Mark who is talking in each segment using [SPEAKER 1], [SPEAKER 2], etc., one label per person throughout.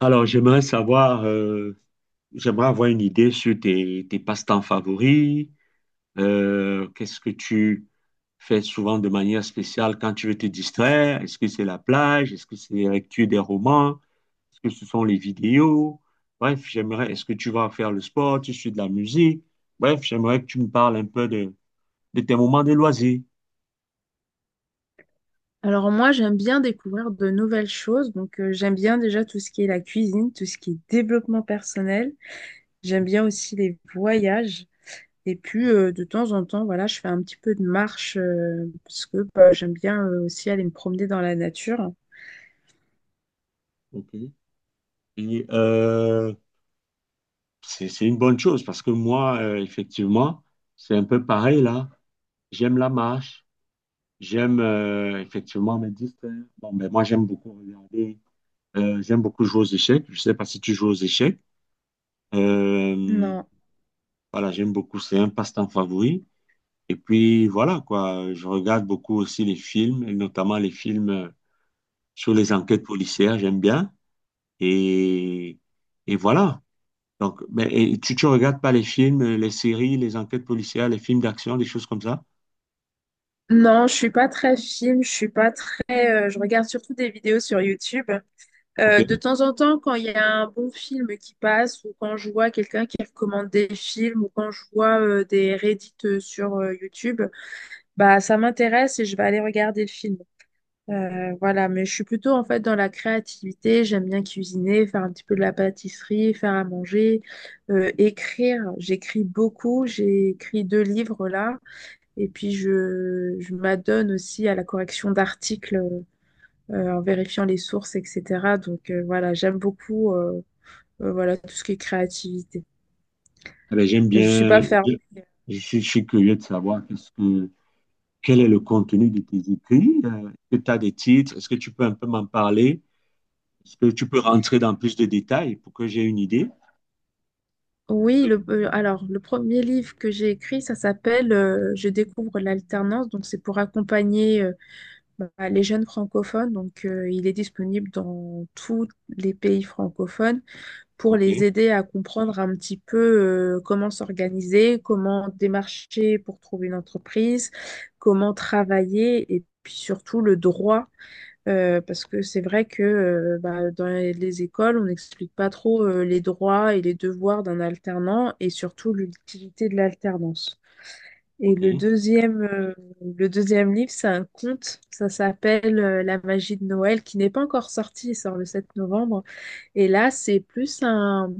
[SPEAKER 1] Alors, j'aimerais savoir, j'aimerais avoir une idée sur tes passe-temps favoris. Qu'est-ce que tu fais souvent de manière spéciale quand tu veux te distraire? Est-ce que c'est la plage? Est-ce que c'est la lecture des romans? Est-ce que ce sont les vidéos? Bref, j'aimerais, est-ce que tu vas faire le sport? Tu suis de la musique? Bref, j'aimerais que tu me parles un peu de tes moments de loisirs.
[SPEAKER 2] Alors moi, j'aime bien découvrir de nouvelles choses. Donc j'aime bien déjà tout ce qui est la cuisine, tout ce qui est développement personnel. J'aime bien aussi les voyages. Et puis de temps en temps, voilà, je fais un petit peu de marche parce que bah, j'aime bien aussi aller me promener dans la nature.
[SPEAKER 1] Ok. Et c'est une bonne chose parce que moi, effectivement, c'est un peu pareil là. J'aime la marche, j'aime effectivement me distraire. Bon, ben moi j'aime beaucoup regarder, j'aime beaucoup jouer aux échecs. Je sais pas si tu joues aux échecs. Euh,
[SPEAKER 2] Non.
[SPEAKER 1] voilà, j'aime beaucoup, c'est un passe-temps favori. Et puis voilà quoi, je regarde beaucoup aussi les films, et notamment les films sur les enquêtes policières, j'aime bien. Et, et voilà. Donc, ben, et tu regardes pas les films, les séries, les enquêtes policières, les films d'action, des choses comme ça?
[SPEAKER 2] Non, je suis pas très film, je suis pas très je regarde surtout des vidéos sur YouTube. De
[SPEAKER 1] Ok.
[SPEAKER 2] temps en temps, quand il y a un bon film qui passe, ou quand je vois quelqu'un qui recommande des films, ou quand je vois des Reddit sur YouTube, bah ça m'intéresse et je vais aller regarder le film. Voilà, mais je suis plutôt en fait dans la créativité. J'aime bien cuisiner, faire un petit peu de la pâtisserie, faire à manger, écrire. J'écris beaucoup. J'ai écrit deux livres là, et puis je m'adonne aussi à la correction d'articles en vérifiant les sources, etc. Donc voilà, j'aime beaucoup voilà, tout ce qui est créativité.
[SPEAKER 1] Eh bien,
[SPEAKER 2] Mais je suis pas fermée.
[SPEAKER 1] je suis curieux de savoir qu'est-ce que, quel est le contenu de tes écrits. Est-ce que tu as des titres? Est-ce que tu peux un peu m'en parler? Est-ce que tu peux rentrer dans plus de détails pour que j'ai une idée?
[SPEAKER 2] Oui, alors le premier livre que j'ai écrit, ça s'appelle Je découvre l'alternance. Donc c'est pour accompagner bah, les jeunes francophones. Donc il est disponible dans tous les pays francophones pour
[SPEAKER 1] Ok,
[SPEAKER 2] les aider à comprendre un petit peu comment s'organiser, comment démarcher pour trouver une entreprise, comment travailler et puis surtout le droit. Parce que c'est vrai que bah, dans les écoles, on n'explique pas trop les droits et les devoirs d'un alternant et surtout l'utilité de l'alternance. Et
[SPEAKER 1] ok.
[SPEAKER 2] le deuxième livre, c'est un conte, ça s'appelle La magie de Noël, qui n'est pas encore sorti, il sort le 7 novembre. Et là, c'est plus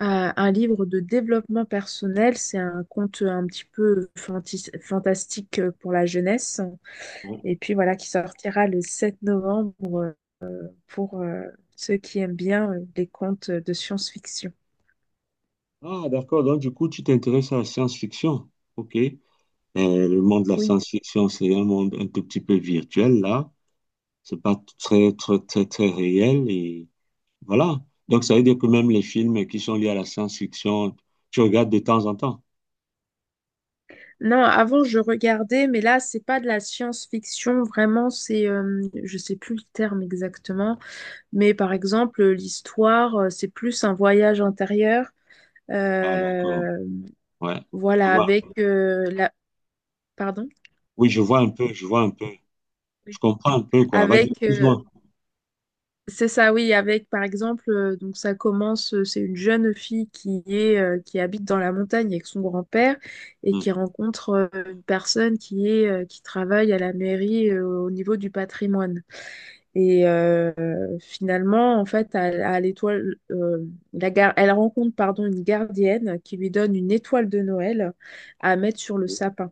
[SPEAKER 2] un livre de développement personnel, c'est un conte un petit peu fantastique pour la jeunesse.
[SPEAKER 1] Bon.
[SPEAKER 2] Et puis voilà, qui sortira le 7 novembre. Pour ceux qui aiment bien les contes de science-fiction.
[SPEAKER 1] Ah, d'accord. Donc, du coup, tu t'intéresses à la science-fiction. Ok. Le monde de la
[SPEAKER 2] Oui.
[SPEAKER 1] science-fiction, c'est un monde un tout petit peu virtuel, là. C'est pas très, très, très, très réel. Et voilà. Donc, ça veut dire que même les films qui sont liés à la science-fiction, tu regardes de temps en temps.
[SPEAKER 2] Non, avant je regardais, mais là c'est pas de la science-fiction vraiment, je sais plus le terme exactement, mais par exemple l'histoire, c'est plus un voyage intérieur,
[SPEAKER 1] Ah, d'accord.
[SPEAKER 2] euh,
[SPEAKER 1] Ouais. Je
[SPEAKER 2] voilà,
[SPEAKER 1] vois.
[SPEAKER 2] avec pardon,
[SPEAKER 1] Oui, je vois un peu, je vois un peu.
[SPEAKER 2] Oui.
[SPEAKER 1] Je comprends un peu, quoi. Vas-y,
[SPEAKER 2] avec
[SPEAKER 1] excuse-moi.
[SPEAKER 2] C'est ça, oui, avec par exemple, donc ça commence, c'est une jeune fille qui habite dans la montagne avec son grand-père et qui
[SPEAKER 1] Hum.
[SPEAKER 2] rencontre une personne qui travaille à la mairie au niveau du patrimoine. Et finalement, en fait, à l'étoile, elle rencontre pardon une gardienne qui lui donne une étoile de Noël à mettre sur le sapin.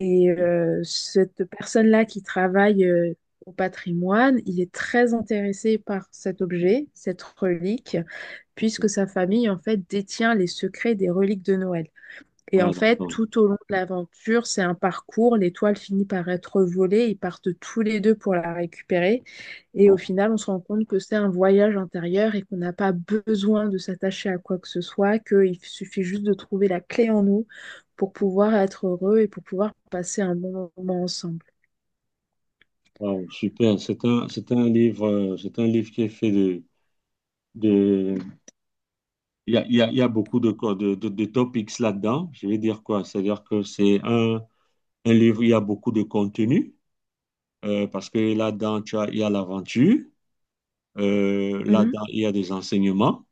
[SPEAKER 2] Et cette personne-là qui travaille au patrimoine, il est très intéressé par cet objet, cette relique, puisque sa famille, en fait, détient les secrets des reliques de Noël. Et en
[SPEAKER 1] Ouais,
[SPEAKER 2] fait,
[SPEAKER 1] d'accord.
[SPEAKER 2] tout au long de l'aventure, c'est un parcours. L'étoile finit par être volée. Ils partent tous les deux pour la récupérer. Et au
[SPEAKER 1] Bon.
[SPEAKER 2] final, on se rend compte que c'est un voyage intérieur et qu'on n'a pas besoin de s'attacher à quoi que ce soit, qu'il suffit juste de trouver la clé en nous pour pouvoir être heureux et pour pouvoir passer un bon moment ensemble.
[SPEAKER 1] Wow, super. C'est un livre qui est fait de, il y a beaucoup de, co- de topics là-dedans. Je vais dire quoi? C'est-à-dire que un livre, il y a beaucoup de contenu, parce que là-dedans, il y a l'aventure,
[SPEAKER 2] Mhm,
[SPEAKER 1] là-dedans, il y a des enseignements,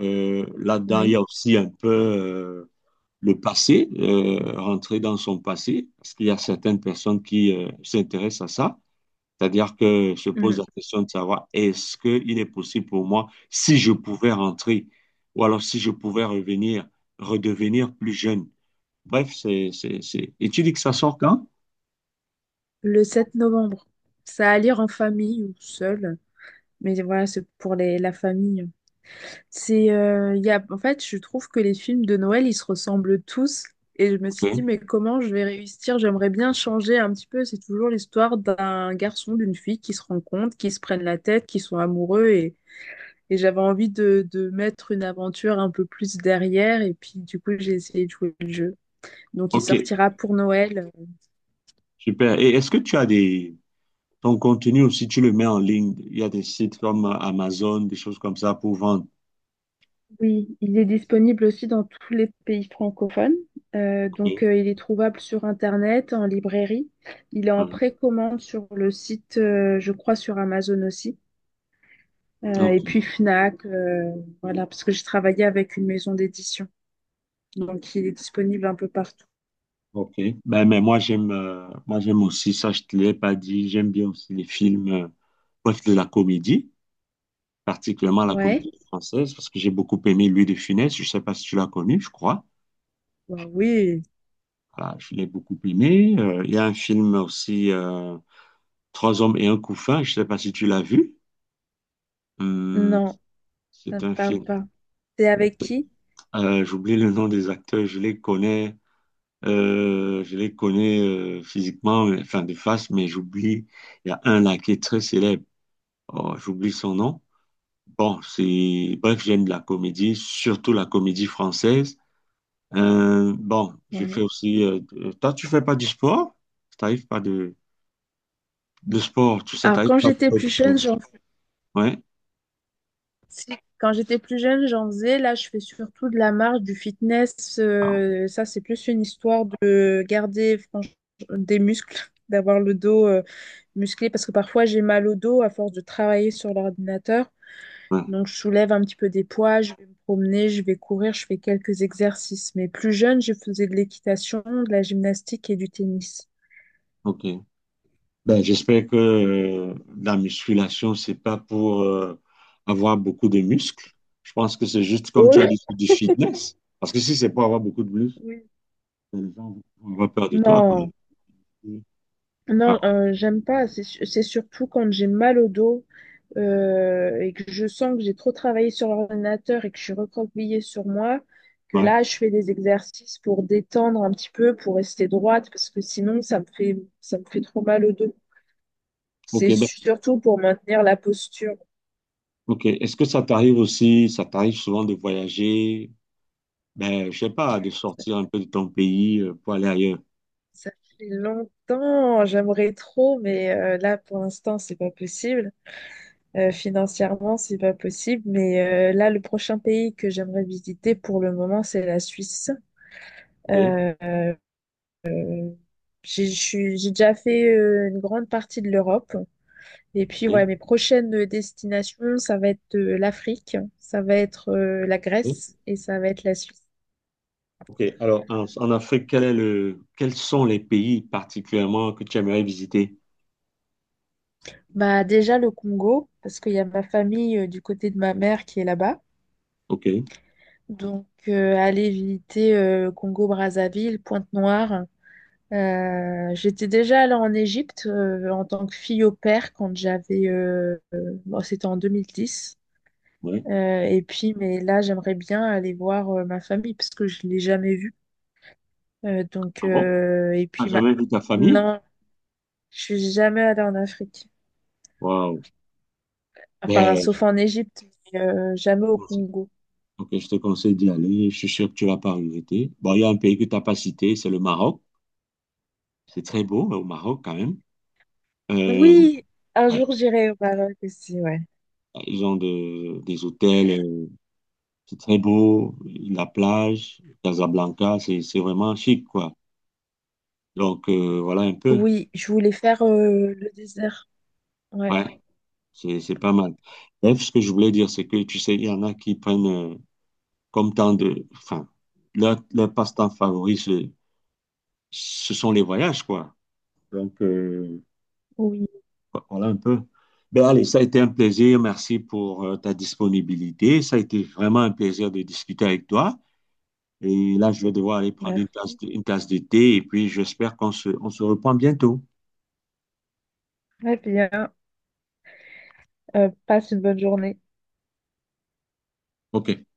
[SPEAKER 1] là-dedans, il y
[SPEAKER 2] oui.
[SPEAKER 1] a aussi un peu, le passé, rentrer dans son passé, parce qu'il y a certaines personnes qui s'intéressent à ça, c'est-à-dire que se pose
[SPEAKER 2] Mhm.
[SPEAKER 1] la question de savoir est-ce qu'il est possible pour moi, si je pouvais rentrer, ou alors si je pouvais revenir, redevenir plus jeune. Bref, c'est... Et tu dis que ça sort quand?
[SPEAKER 2] Le 7 novembre. Ça à lire en famille ou seul. Mais voilà, c'est pour les, la famille. Il y a, en fait, je trouve que les films de Noël, ils se ressemblent tous. Et je me suis dit,
[SPEAKER 1] Ok,
[SPEAKER 2] mais comment je vais réussir? J'aimerais bien changer un petit peu. C'est toujours l'histoire d'un garçon, d'une fille qui se rencontrent, qui se prennent la tête, qui sont amoureux. Et j'avais envie de mettre une aventure un peu plus derrière. Et puis, du coup, j'ai essayé de jouer le jeu. Donc, il
[SPEAKER 1] Ok,
[SPEAKER 2] sortira pour Noël.
[SPEAKER 1] super. Et est-ce que tu as des... Ton contenu aussi, tu le mets en ligne. Il y a des sites comme Amazon, des choses comme ça pour vendre.
[SPEAKER 2] Oui, il est disponible aussi dans tous les pays francophones. Donc,
[SPEAKER 1] Ok.
[SPEAKER 2] il est trouvable sur Internet, en librairie. Il est en
[SPEAKER 1] Mhm.
[SPEAKER 2] précommande sur le site, je crois, sur Amazon aussi.
[SPEAKER 1] Ok.
[SPEAKER 2] Et puis Fnac, voilà, parce que j'ai travaillé avec une maison d'édition. Donc, il est disponible un peu partout.
[SPEAKER 1] Ok. Ben, mais moi, j'aime aussi, ça, je te l'ai pas dit, j'aime bien aussi les films, bref, de la comédie, particulièrement la
[SPEAKER 2] Ouais.
[SPEAKER 1] comédie française, parce que j'ai beaucoup aimé Louis de Funès. Je sais pas si tu l'as connu, je crois.
[SPEAKER 2] Bah oui.
[SPEAKER 1] Voilà, je l'ai beaucoup aimé. Il y a un film aussi, Trois hommes et un couffin, je sais pas si tu l'as vu. Hum,
[SPEAKER 2] Non, ça
[SPEAKER 1] c'est
[SPEAKER 2] me
[SPEAKER 1] un
[SPEAKER 2] parle
[SPEAKER 1] film.
[SPEAKER 2] pas. C'est avec qui?
[SPEAKER 1] J'oublie le nom des acteurs, je les connais. Je les connais physiquement, mais- enfin de face, mais j'oublie. Il y a un là qui est très célèbre. Oh, j'oublie son nom. Bon, c'est... Bref, j'aime la comédie, surtout la comédie française. Bon, je fais
[SPEAKER 2] Ouais.
[SPEAKER 1] aussi... toi, tu fais pas du sport? T'arrives pas de... de sport, tout ça,
[SPEAKER 2] Alors,
[SPEAKER 1] t'arrives
[SPEAKER 2] quand
[SPEAKER 1] pas
[SPEAKER 2] j'étais plus jeune,
[SPEAKER 1] de...
[SPEAKER 2] je...
[SPEAKER 1] Ouais,
[SPEAKER 2] Si, quand j'étais plus jeune, j'en faisais. Là, je fais surtout de la marche, du fitness. Ça, c'est plus une histoire de garder des muscles, d'avoir le dos musclé. Parce que parfois, j'ai mal au dos à force de travailler sur l'ordinateur.
[SPEAKER 1] ouais,
[SPEAKER 2] Donc, je soulève un petit peu des poids, je vais me promener, je vais courir, je fais quelques exercices. Mais plus jeune, je faisais de l'équitation, de la gymnastique et du tennis.
[SPEAKER 1] ok. Ben, j'espère que la musculation, c'est pas pour avoir beaucoup de muscles. Je pense que c'est juste comme tu as
[SPEAKER 2] Oh,
[SPEAKER 1] dit, c'est du fitness. Parce que si c'est pour avoir beaucoup de muscles,
[SPEAKER 2] oui.
[SPEAKER 1] les gens vont avoir peur de toi quand même.
[SPEAKER 2] Non.
[SPEAKER 1] Ah,
[SPEAKER 2] Non, j'aime pas. C'est surtout quand j'ai mal au dos et que je sens que j'ai trop travaillé sur l'ordinateur et que je suis recroquevillée sur moi, que
[SPEAKER 1] ouais.
[SPEAKER 2] là, je fais des exercices pour détendre un petit peu, pour rester droite, parce que sinon, ça me fait trop mal au dos.
[SPEAKER 1] Ok,
[SPEAKER 2] C'est
[SPEAKER 1] ben,
[SPEAKER 2] surtout pour maintenir la posture.
[SPEAKER 1] ok. Est-ce que ça t'arrive aussi, ça t'arrive souvent de voyager, ben, je sais pas, de sortir un peu de ton pays pour aller ailleurs?
[SPEAKER 2] Ça fait longtemps, j'aimerais trop, mais là, pour l'instant, c'est pas possible. Financièrement, c'est pas possible. Mais là, le prochain pays que j'aimerais visiter pour le moment, c'est la Suisse.
[SPEAKER 1] Ok.
[SPEAKER 2] Euh, euh, j'ai déjà fait une grande partie de l'Europe. Et puis,
[SPEAKER 1] Oui,
[SPEAKER 2] ouais, mes prochaines destinations, ça va être l'Afrique, ça va être la
[SPEAKER 1] oui.
[SPEAKER 2] Grèce et ça va être la Suisse.
[SPEAKER 1] Ok. Alors, en Afrique, quels sont les pays particulièrement que tu aimerais visiter?
[SPEAKER 2] Bah, déjà le Congo, parce qu'il y a ma famille du côté de ma mère qui est là-bas.
[SPEAKER 1] Ok.
[SPEAKER 2] Donc, aller visiter Congo-Brazzaville, Pointe-Noire. J'étais déjà allée en Égypte en tant que fille au père quand j'avais... bon, c'était en 2010.
[SPEAKER 1] Ouais.
[SPEAKER 2] Et puis, mais là, j'aimerais bien aller voir ma famille parce que je l'ai jamais vue. Donc,
[SPEAKER 1] Ah bon?
[SPEAKER 2] et
[SPEAKER 1] T'as
[SPEAKER 2] puis, ma...
[SPEAKER 1] jamais vu ta famille?
[SPEAKER 2] non, je suis jamais allée en Afrique.
[SPEAKER 1] Waouh.
[SPEAKER 2] Enfin,
[SPEAKER 1] Ben, je
[SPEAKER 2] sauf en Égypte, mais, jamais au
[SPEAKER 1] te conseille-
[SPEAKER 2] Congo.
[SPEAKER 1] ok, je te conseille d'y aller. Je suis sûr que tu vas pas regretter. Bon, il y a un pays que t'as pas cité, c'est le Maroc. C'est très beau, au Maroc quand même. Euh,
[SPEAKER 2] Oui, un
[SPEAKER 1] ouais.
[SPEAKER 2] jour, j'irai au Maroc aussi, ouais.
[SPEAKER 1] Ils ont de- des hôtels. C'est très beau, la plage, Casablanca, c'est vraiment chic, quoi. Donc, voilà un peu.
[SPEAKER 2] Oui, je voulais faire le désert. Ouais,
[SPEAKER 1] Ouais, c'est pas mal. Bref, ce que je voulais dire, c'est que, tu sais, il y en a qui prennent comme temps de... Enfin, leur passe-temps favori, ce sont les voyages, quoi. Donc,
[SPEAKER 2] oui,
[SPEAKER 1] voilà un peu. Ben allez, ça a été un plaisir. Merci pour ta disponibilité. Ça a été vraiment un plaisir de discuter avec toi. Et là, je vais devoir aller prendre une tasse
[SPEAKER 2] merci.
[SPEAKER 1] une tasse de thé et puis j'espère on se reprend bientôt.
[SPEAKER 2] Très bien. Passe une bonne journée.
[SPEAKER 1] Ok.